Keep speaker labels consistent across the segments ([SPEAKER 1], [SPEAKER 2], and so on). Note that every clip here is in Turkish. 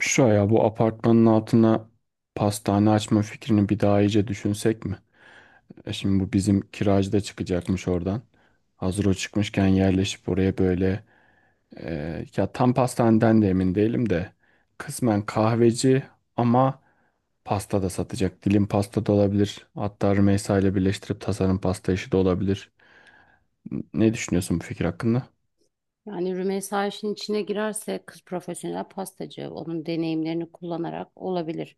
[SPEAKER 1] Şu ya bu apartmanın altına pastane açma fikrini bir daha iyice düşünsek mi? Şimdi bu bizim kiracı da çıkacakmış oradan. Hazır o çıkmışken yerleşip oraya böyle, ya tam pastaneden de emin değilim de kısmen kahveci ama pasta da satacak. Dilim pasta da olabilir. Hatta Rümeysa ile birleştirip tasarım pasta işi de olabilir. Ne düşünüyorsun bu fikir hakkında?
[SPEAKER 2] Yani Rümeysa işin içine girerse kız profesyonel pastacı. Onun deneyimlerini kullanarak olabilir.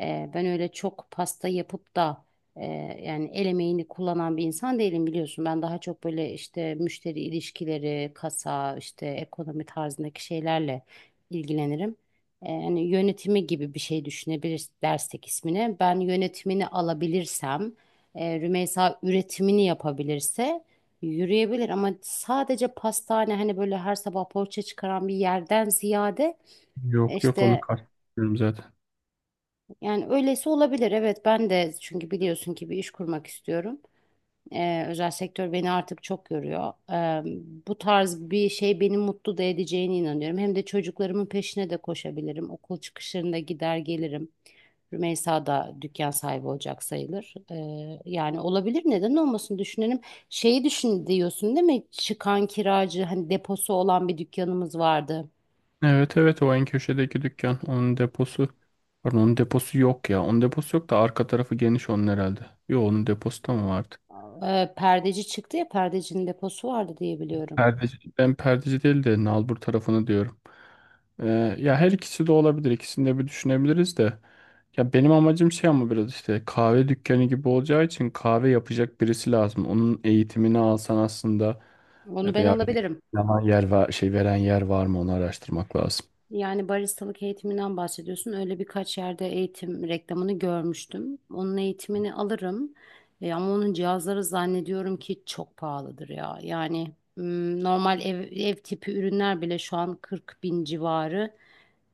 [SPEAKER 2] Ben öyle çok pasta yapıp da e, yani el emeğini kullanan bir insan değilim biliyorsun. Ben daha çok böyle işte müşteri ilişkileri, kasa, işte ekonomi tarzındaki şeylerle ilgilenirim. Yani yönetimi gibi bir şey düşünebiliriz dersek ismini. Ben yönetimini alabilirsem, Rümeysa üretimini yapabilirse yürüyebilir ama sadece pastane hani böyle her sabah poğaça çıkaran bir yerden ziyade
[SPEAKER 1] Yok yok, onu
[SPEAKER 2] işte
[SPEAKER 1] kastetmiyorum zaten.
[SPEAKER 2] yani öylesi olabilir. Evet ben de çünkü biliyorsun ki bir iş kurmak istiyorum. Özel sektör beni artık çok yoruyor. Bu tarz bir şey beni mutlu da edeceğine inanıyorum. Hem de çocuklarımın peşine de koşabilirim. Okul çıkışlarında gider gelirim. Rümeysa da dükkan sahibi olacak sayılır. Yani olabilir, neden olmasın, düşünelim. Şeyi düşün diyorsun değil mi? Çıkan kiracı hani deposu olan bir dükkanımız vardı.
[SPEAKER 1] Evet evet, o en köşedeki dükkan. Onun deposu. Pardon, onun deposu yok ya. Onun deposu yok da arka tarafı geniş onun herhalde. Yo, onun deposu da mı vardı?
[SPEAKER 2] Perdeci çıktı ya, perdecinin deposu vardı diye biliyorum.
[SPEAKER 1] Perdeci. Ben perdeci değil de nalbur tarafını diyorum. Ee, ya her ikisi de olabilir. İkisini de bir düşünebiliriz de. Ya benim amacım şey, ama biraz işte kahve dükkanı gibi olacağı için kahve yapacak birisi lazım. Onun eğitimini alsan aslında,
[SPEAKER 2] Onu ben
[SPEAKER 1] veya bir
[SPEAKER 2] alabilirim.
[SPEAKER 1] zaman yer var, şey veren yer var mı onu araştırmak lazım.
[SPEAKER 2] Yani baristalık eğitiminden bahsediyorsun. Öyle birkaç yerde eğitim reklamını görmüştüm. Onun eğitimini alırım. Ama onun cihazları zannediyorum ki çok pahalıdır ya. Yani normal ev tipi ürünler bile şu an 40 bin civarı.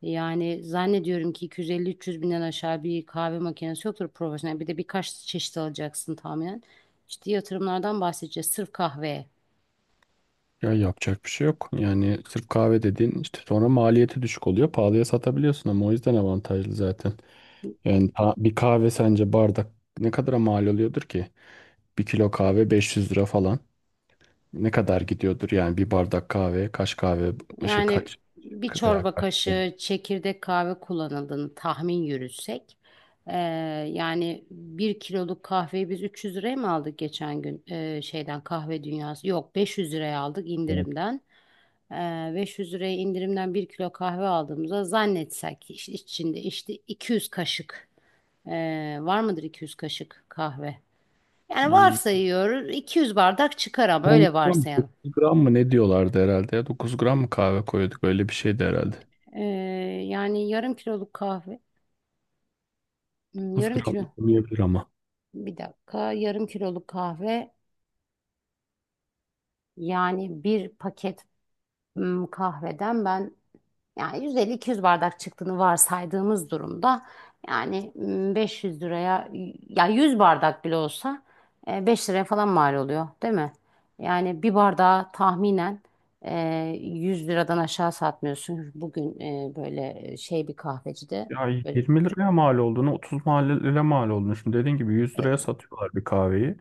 [SPEAKER 2] Yani zannediyorum ki 250-300 binden aşağı bir kahve makinesi yoktur profesyonel. Bir de birkaç çeşit alacaksın tahminen. İşte yatırımlardan bahsedeceğiz. Sırf kahveye.
[SPEAKER 1] Ya yapacak bir şey yok. Yani sırf kahve dediğin işte sonra maliyeti düşük oluyor. Pahalıya satabiliyorsun ama, o yüzden avantajlı zaten. Yani bir kahve sence bardak ne kadara mal oluyordur ki? Bir kilo kahve 500 lira falan. Ne kadar gidiyordur yani bir bardak kahve, kaç kahve, şey
[SPEAKER 2] Yani
[SPEAKER 1] kaç
[SPEAKER 2] bir
[SPEAKER 1] veya
[SPEAKER 2] çorba
[SPEAKER 1] kaç.
[SPEAKER 2] kaşığı çekirdek kahve kullanıldığını tahmin yürütsek, eee, yani bir kiloluk kahveyi biz 300 liraya mı aldık geçen gün, şeyden, kahve dünyası? Yok, 500 liraya aldık indirimden. 500 liraya indirimden bir kilo kahve aldığımızda zannetsek ki içinde işte 200 kaşık, var mıdır 200 kaşık kahve? Yani
[SPEAKER 1] İyi.
[SPEAKER 2] varsayıyoruz, 200 bardak çıkar ama
[SPEAKER 1] 10
[SPEAKER 2] öyle
[SPEAKER 1] gram
[SPEAKER 2] varsayalım.
[SPEAKER 1] 9 gram mı ne diyorlardı herhalde, ya 9 gram mı kahve koyduk, öyle bir şeydi herhalde.
[SPEAKER 2] Eee, Yani yarım kiloluk kahve.
[SPEAKER 1] dokuz
[SPEAKER 2] Yarım
[SPEAKER 1] gram da
[SPEAKER 2] kilo.
[SPEAKER 1] olmayabilir ama.
[SPEAKER 2] Bir dakika, yarım kiloluk kahve yani bir paket kahveden ben yani 150-200 bardak çıktığını varsaydığımız durumda, yani 500 liraya, ya 100 bardak bile olsa 5 liraya falan mal oluyor değil mi? Yani bir bardağı tahminen e, 100 liradan aşağı satmıyorsun. Bugün böyle şey, bir kahvecide
[SPEAKER 1] Ya
[SPEAKER 2] böyle
[SPEAKER 1] 20 liraya mal olduğunu, 30 liraya mal olduğunu. Şimdi dediğin gibi 100 liraya
[SPEAKER 2] e,
[SPEAKER 1] satıyorlar bir kahveyi.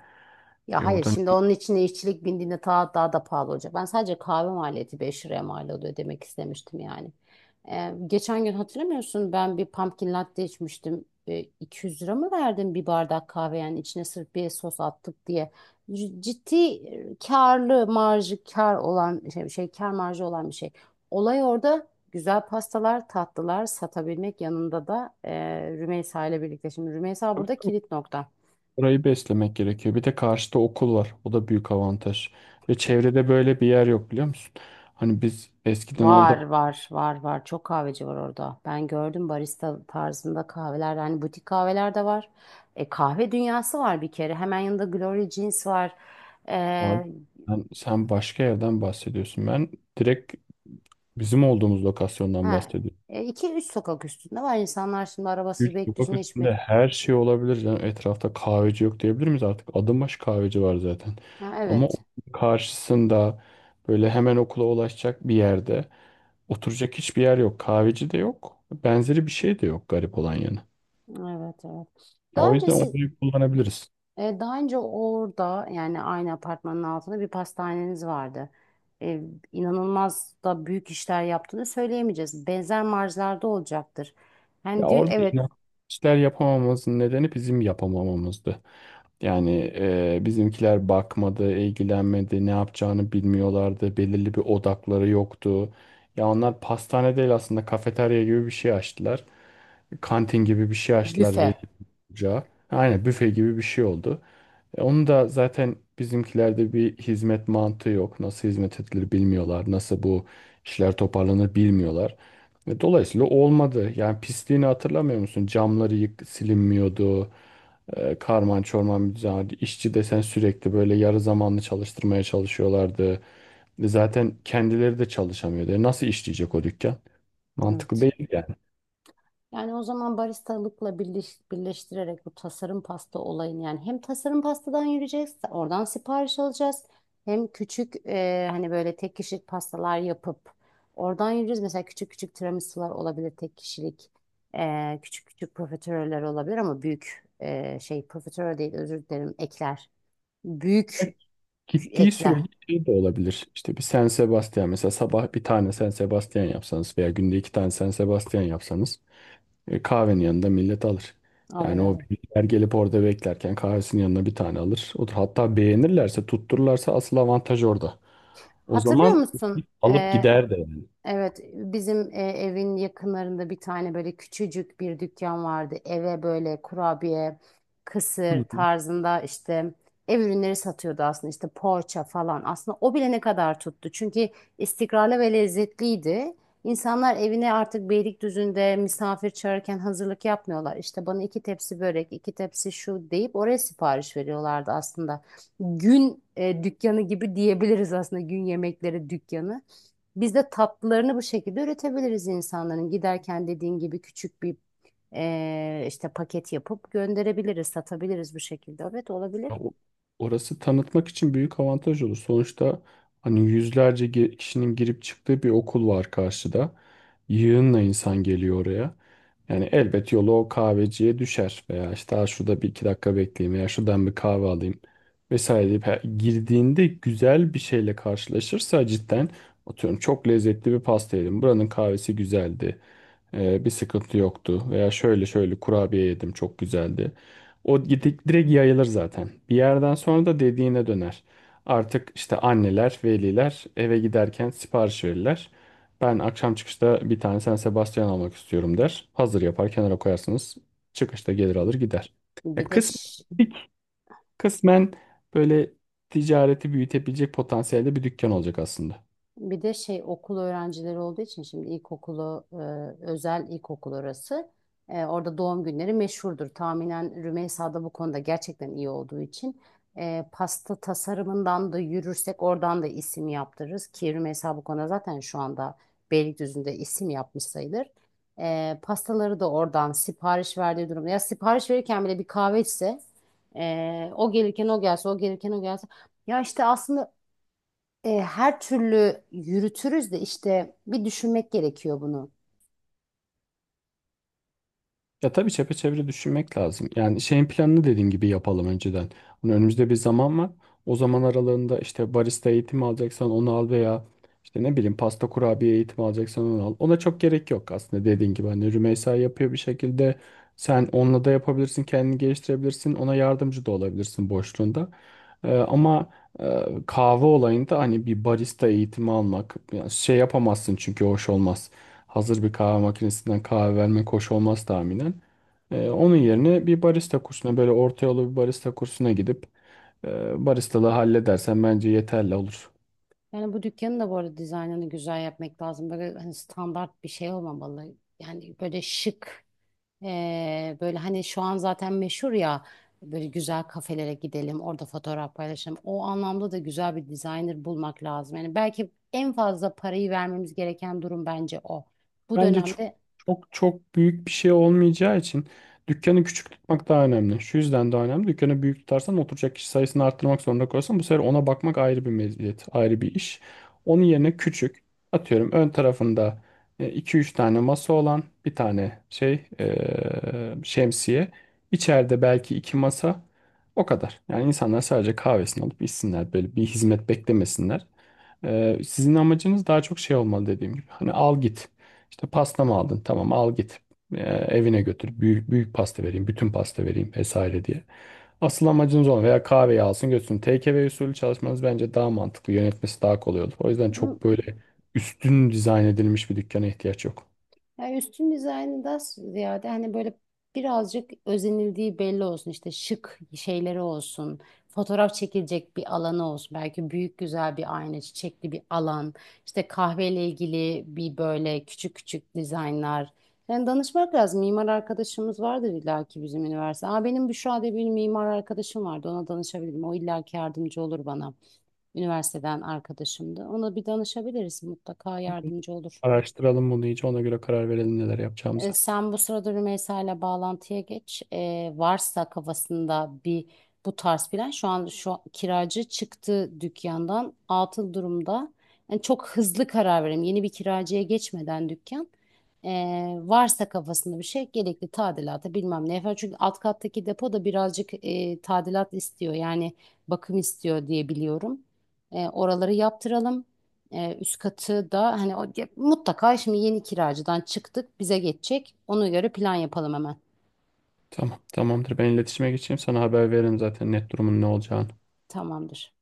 [SPEAKER 2] ya
[SPEAKER 1] E o
[SPEAKER 2] hayır,
[SPEAKER 1] da
[SPEAKER 2] şimdi onun içine işçilik bindiğinde daha da pahalı olacak. Ben sadece kahve maliyeti 5 liraya mal oluyor demek istemiştim yani. Geçen gün hatırlamıyorsun, ben bir pumpkin latte içmiştim. 200 lira mı verdim bir bardak kahve yani içine sırf bir sos attık diye. Ciddi karlı marjı, kar olan şey, şey kar marjı olan bir şey. Olay orada, güzel pastalar, tatlılar satabilmek, yanında da Rümeysa ile birlikte. Şimdi Rümeysa burada kilit nokta.
[SPEAKER 1] Orayı beslemek gerekiyor. Bir de karşıda okul var. O da büyük avantaj. Ve çevrede böyle bir yer yok, biliyor musun? Hani biz eskiden orada.
[SPEAKER 2] Var var var var. Çok kahveci var orada. Ben gördüm, barista tarzında kahveler. Hani butik kahveler de var. Kahve dünyası var bir kere. Hemen yanında Glory Jeans var.
[SPEAKER 1] Ay,
[SPEAKER 2] E,
[SPEAKER 1] sen başka yerden bahsediyorsun. Ben direkt bizim olduğumuz lokasyondan
[SPEAKER 2] ha,
[SPEAKER 1] bahsediyorum.
[SPEAKER 2] e, iki üç sokak üstünde var. İnsanlar şimdi arabasız
[SPEAKER 1] Üç sokak
[SPEAKER 2] Beylikdüzü'nde hiçbir.
[SPEAKER 1] üstünde her şey olabilir. Yani etrafta kahveci yok diyebilir miyiz artık? Adım başı kahveci var zaten.
[SPEAKER 2] Ha,
[SPEAKER 1] Ama
[SPEAKER 2] evet.
[SPEAKER 1] okulun karşısında, böyle hemen okula ulaşacak bir yerde oturacak hiçbir yer yok. Kahveci de yok. Benzeri bir şey de yok, garip olan yanı.
[SPEAKER 2] Evet evet.
[SPEAKER 1] Ya
[SPEAKER 2] Daha
[SPEAKER 1] o
[SPEAKER 2] önce
[SPEAKER 1] yüzden
[SPEAKER 2] si-
[SPEAKER 1] orayı kullanabiliriz.
[SPEAKER 2] Daha önce orada, yani aynı apartmanın altında bir pastaneniz vardı. E, inanılmaz da büyük işler yaptığını söyleyemeyeceğiz. Benzer marjlarda olacaktır.
[SPEAKER 1] Ya
[SPEAKER 2] Yani diyor,
[SPEAKER 1] orada
[SPEAKER 2] evet,
[SPEAKER 1] işler yapamamamızın nedeni bizim yapamamamızdı. Yani bizimkiler bakmadı, ilgilenmedi, ne yapacağını bilmiyorlardı, belirli bir odakları yoktu. Ya onlar pastane değil, aslında kafeterya gibi bir şey açtılar. Kantin gibi bir şey açtılar
[SPEAKER 2] büfe.
[SPEAKER 1] ca. Aynen büfe gibi bir şey oldu. Onu da zaten, bizimkilerde bir hizmet mantığı yok. Nasıl hizmet edilir bilmiyorlar. Nasıl bu işler toparlanır bilmiyorlar. Dolayısıyla olmadı. Yani pisliğini hatırlamıyor musun? Camları yık silinmiyordu. Karman çorman bir düzen. İşçi desen sürekli böyle yarı zamanlı çalıştırmaya çalışıyorlardı. Zaten kendileri de çalışamıyordu. Nasıl işleyecek o dükkan? Mantıklı
[SPEAKER 2] Evet.
[SPEAKER 1] değil yani.
[SPEAKER 2] Yani o zaman birleştirerek bu tasarım pasta olayını, yani hem tasarım pastadan yürüyeceğiz, oradan sipariş alacağız. Hem küçük hani böyle tek kişilik pastalar yapıp oradan yürüyeceğiz. Mesela küçük küçük tiramisular olabilir tek kişilik. Küçük küçük profiteroller olabilir ama büyük şey, profiterol değil, özür dilerim, ekler. Büyük
[SPEAKER 1] Gittiği
[SPEAKER 2] ekler.
[SPEAKER 1] sürece şey de olabilir. İşte bir San Sebastian mesela, sabah bir tane San Sebastian yapsanız veya günde iki tane San Sebastian yapsanız, kahvenin yanında millet alır.
[SPEAKER 2] Alır
[SPEAKER 1] Yani o
[SPEAKER 2] alır.
[SPEAKER 1] birlikler gelip orada beklerken kahvesinin yanına bir tane alır. Otur. Hatta beğenirlerse, tuttururlarsa asıl avantaj orada. O
[SPEAKER 2] Hatırlıyor
[SPEAKER 1] zaman
[SPEAKER 2] musun?
[SPEAKER 1] alıp gider de
[SPEAKER 2] Evet, bizim evin yakınlarında bir tane böyle küçücük bir dükkan vardı. Eve böyle kurabiye, kısır
[SPEAKER 1] yani.
[SPEAKER 2] tarzında, işte ev ürünleri satıyordu aslında, işte poğaça falan. Aslında o bile ne kadar tuttu. Çünkü istikrarlı ve lezzetliydi. İnsanlar evine artık Beylikdüzü'nde misafir çağırırken hazırlık yapmıyorlar. İşte bana iki tepsi börek, iki tepsi şu deyip oraya sipariş veriyorlardı aslında. Gün dükkanı gibi diyebiliriz aslında, gün yemekleri dükkanı. Biz de tatlılarını bu şekilde üretebiliriz insanların. Giderken dediğin gibi küçük bir işte paket yapıp gönderebiliriz, satabiliriz bu şekilde. Evet,
[SPEAKER 1] Ya
[SPEAKER 2] olabilir.
[SPEAKER 1] orası tanıtmak için büyük avantaj olur. Sonuçta hani yüzlerce kişinin girip çıktığı bir okul var karşıda. Yığınla insan geliyor oraya. Yani elbet yolu o kahveciye düşer veya işte, "Aa, şurada bir iki dakika bekleyeyim veya şuradan bir kahve alayım vesaire" deyip girdiğinde güzel bir şeyle karşılaşırsa, cidden atıyorum, çok lezzetli bir pasta yedim. Buranın kahvesi güzeldi. Bir sıkıntı yoktu veya şöyle şöyle kurabiye yedim, çok güzeldi. O gidip direkt yayılır zaten. Bir yerden sonra da dediğine döner. Artık işte anneler, veliler eve giderken sipariş verirler. Ben akşam çıkışta bir tane San Sebastian almak istiyorum der. Hazır yapar, kenara koyarsınız. Çıkışta gelir alır gider. Ya
[SPEAKER 2] Bir de
[SPEAKER 1] kısmen,
[SPEAKER 2] ş-
[SPEAKER 1] kısmen böyle ticareti büyütebilecek potansiyelde bir dükkan olacak aslında.
[SPEAKER 2] Bir de şey, okul öğrencileri olduğu için, şimdi ilkokulu özel ilkokul orası. Orada doğum günleri meşhurdur. Tahminen Rümeysa da bu konuda gerçekten iyi olduğu için pasta tasarımından da yürürsek, oradan da isim yaptırırız ki Rümeysa bu konuda zaten şu anda Beylikdüzü'nde isim yapmış sayılır. Pastaları da oradan sipariş verdiği durumda. Ya sipariş verirken bile bir kahve içse, o gelirken o gelse, o gelirken o gelse. Ya işte aslında her türlü yürütürüz de, işte bir düşünmek gerekiyor bunu.
[SPEAKER 1] Ya tabii çepeçevre düşünmek lazım. Yani şeyin planını dediğin gibi yapalım önceden. Hani önümüzde bir zaman var. O zaman aralığında işte barista eğitimi alacaksan onu al, veya işte ne bileyim pasta kurabiye eğitimi alacaksan onu al. Ona çok gerek yok aslında dediğin gibi. Hani Rümeysa yapıyor bir şekilde. Sen onunla da yapabilirsin, kendini geliştirebilirsin. Ona yardımcı da olabilirsin boşluğunda. Ama e, kahve olayında hani bir barista eğitimi almak, yani şey yapamazsın çünkü hoş olmaz, hazır bir kahve makinesinden kahve vermek hoş olmaz tahminen. Onun yerine bir barista kursuna, böyle orta yolu bir barista kursuna gidip baristalığı halledersen bence yeterli olur.
[SPEAKER 2] Yani bu dükkanın da bu arada dizaynını güzel yapmak lazım. Böyle hani standart bir şey olmamalı. Yani böyle şık, böyle hani şu an zaten meşhur ya, böyle güzel kafelere gidelim, orada fotoğraf paylaşalım. O anlamda da güzel bir designer bulmak lazım. Yani belki en fazla parayı vermemiz gereken durum bence o. Bu
[SPEAKER 1] Bence çok
[SPEAKER 2] dönemde
[SPEAKER 1] çok çok büyük bir şey olmayacağı için dükkanı küçük tutmak daha önemli. Şu yüzden daha önemli. Dükkanı büyük tutarsan, oturacak kişi sayısını arttırmak zorunda kalırsan, bu sefer ona bakmak ayrı bir meziyet, ayrı bir iş. Onun yerine küçük, atıyorum ön tarafında iki üç tane masa olan bir tane şey, şemsiye. İçeride belki iki masa, o kadar. Yani insanlar sadece kahvesini alıp içsinler, böyle bir hizmet beklemesinler. Sizin amacınız daha çok şey olmalı dediğim gibi. Hani al git. İşte pasta mı aldın? Tamam, al git. Ee, evine götür. Büyük, büyük pasta vereyim. Bütün pasta vereyim vesaire diye. Asıl amacınız olan, veya kahveyi alsın götürsün. TKV usulü çalışmanız bence daha mantıklı. Yönetmesi daha kolay olur. O yüzden çok böyle üstün dizayn edilmiş bir dükkana ihtiyaç yok.
[SPEAKER 2] yani üstün dizaynı da ziyade hani böyle birazcık özenildiği belli olsun. İşte şık şeyleri olsun. Fotoğraf çekilecek bir alanı olsun. Belki büyük güzel bir ayna, çiçekli bir alan. İşte kahveyle ilgili bir, böyle küçük küçük dizaynlar. Yani danışmak lazım. Mimar arkadaşımız vardır illaki, bizim üniversite. Aa, benim Büşra diye bir mimar arkadaşım vardı. Ona danışabilirim. O illaki yardımcı olur bana. Üniversiteden arkadaşımdı. Ona bir danışabiliriz. Mutlaka yardımcı olur.
[SPEAKER 1] Araştıralım bunu iyice, ona göre karar verelim neler yapacağımıza.
[SPEAKER 2] Sen bu sırada Rümeysa ile bağlantıya geç. Varsa kafasında bir bu tarz plan, şu an kiracı çıktı dükkandan, atıl durumda. Yani çok hızlı karar verelim, yeni bir kiracıya geçmeden dükkan. E, Varsa kafasında bir şey, gerekli tadilata bilmem ne yapar. Çünkü alt kattaki depo da birazcık tadilat istiyor. Yani bakım istiyor diye biliyorum. Oraları yaptıralım. Üst katı da hani o, ya mutlaka, şimdi yeni kiracıdan çıktık, bize geçecek. Ona göre plan yapalım hemen.
[SPEAKER 1] Tamam, tamamdır. Ben iletişime geçeyim. Sana haber veririm zaten net durumun ne olacağını.
[SPEAKER 2] Tamamdır.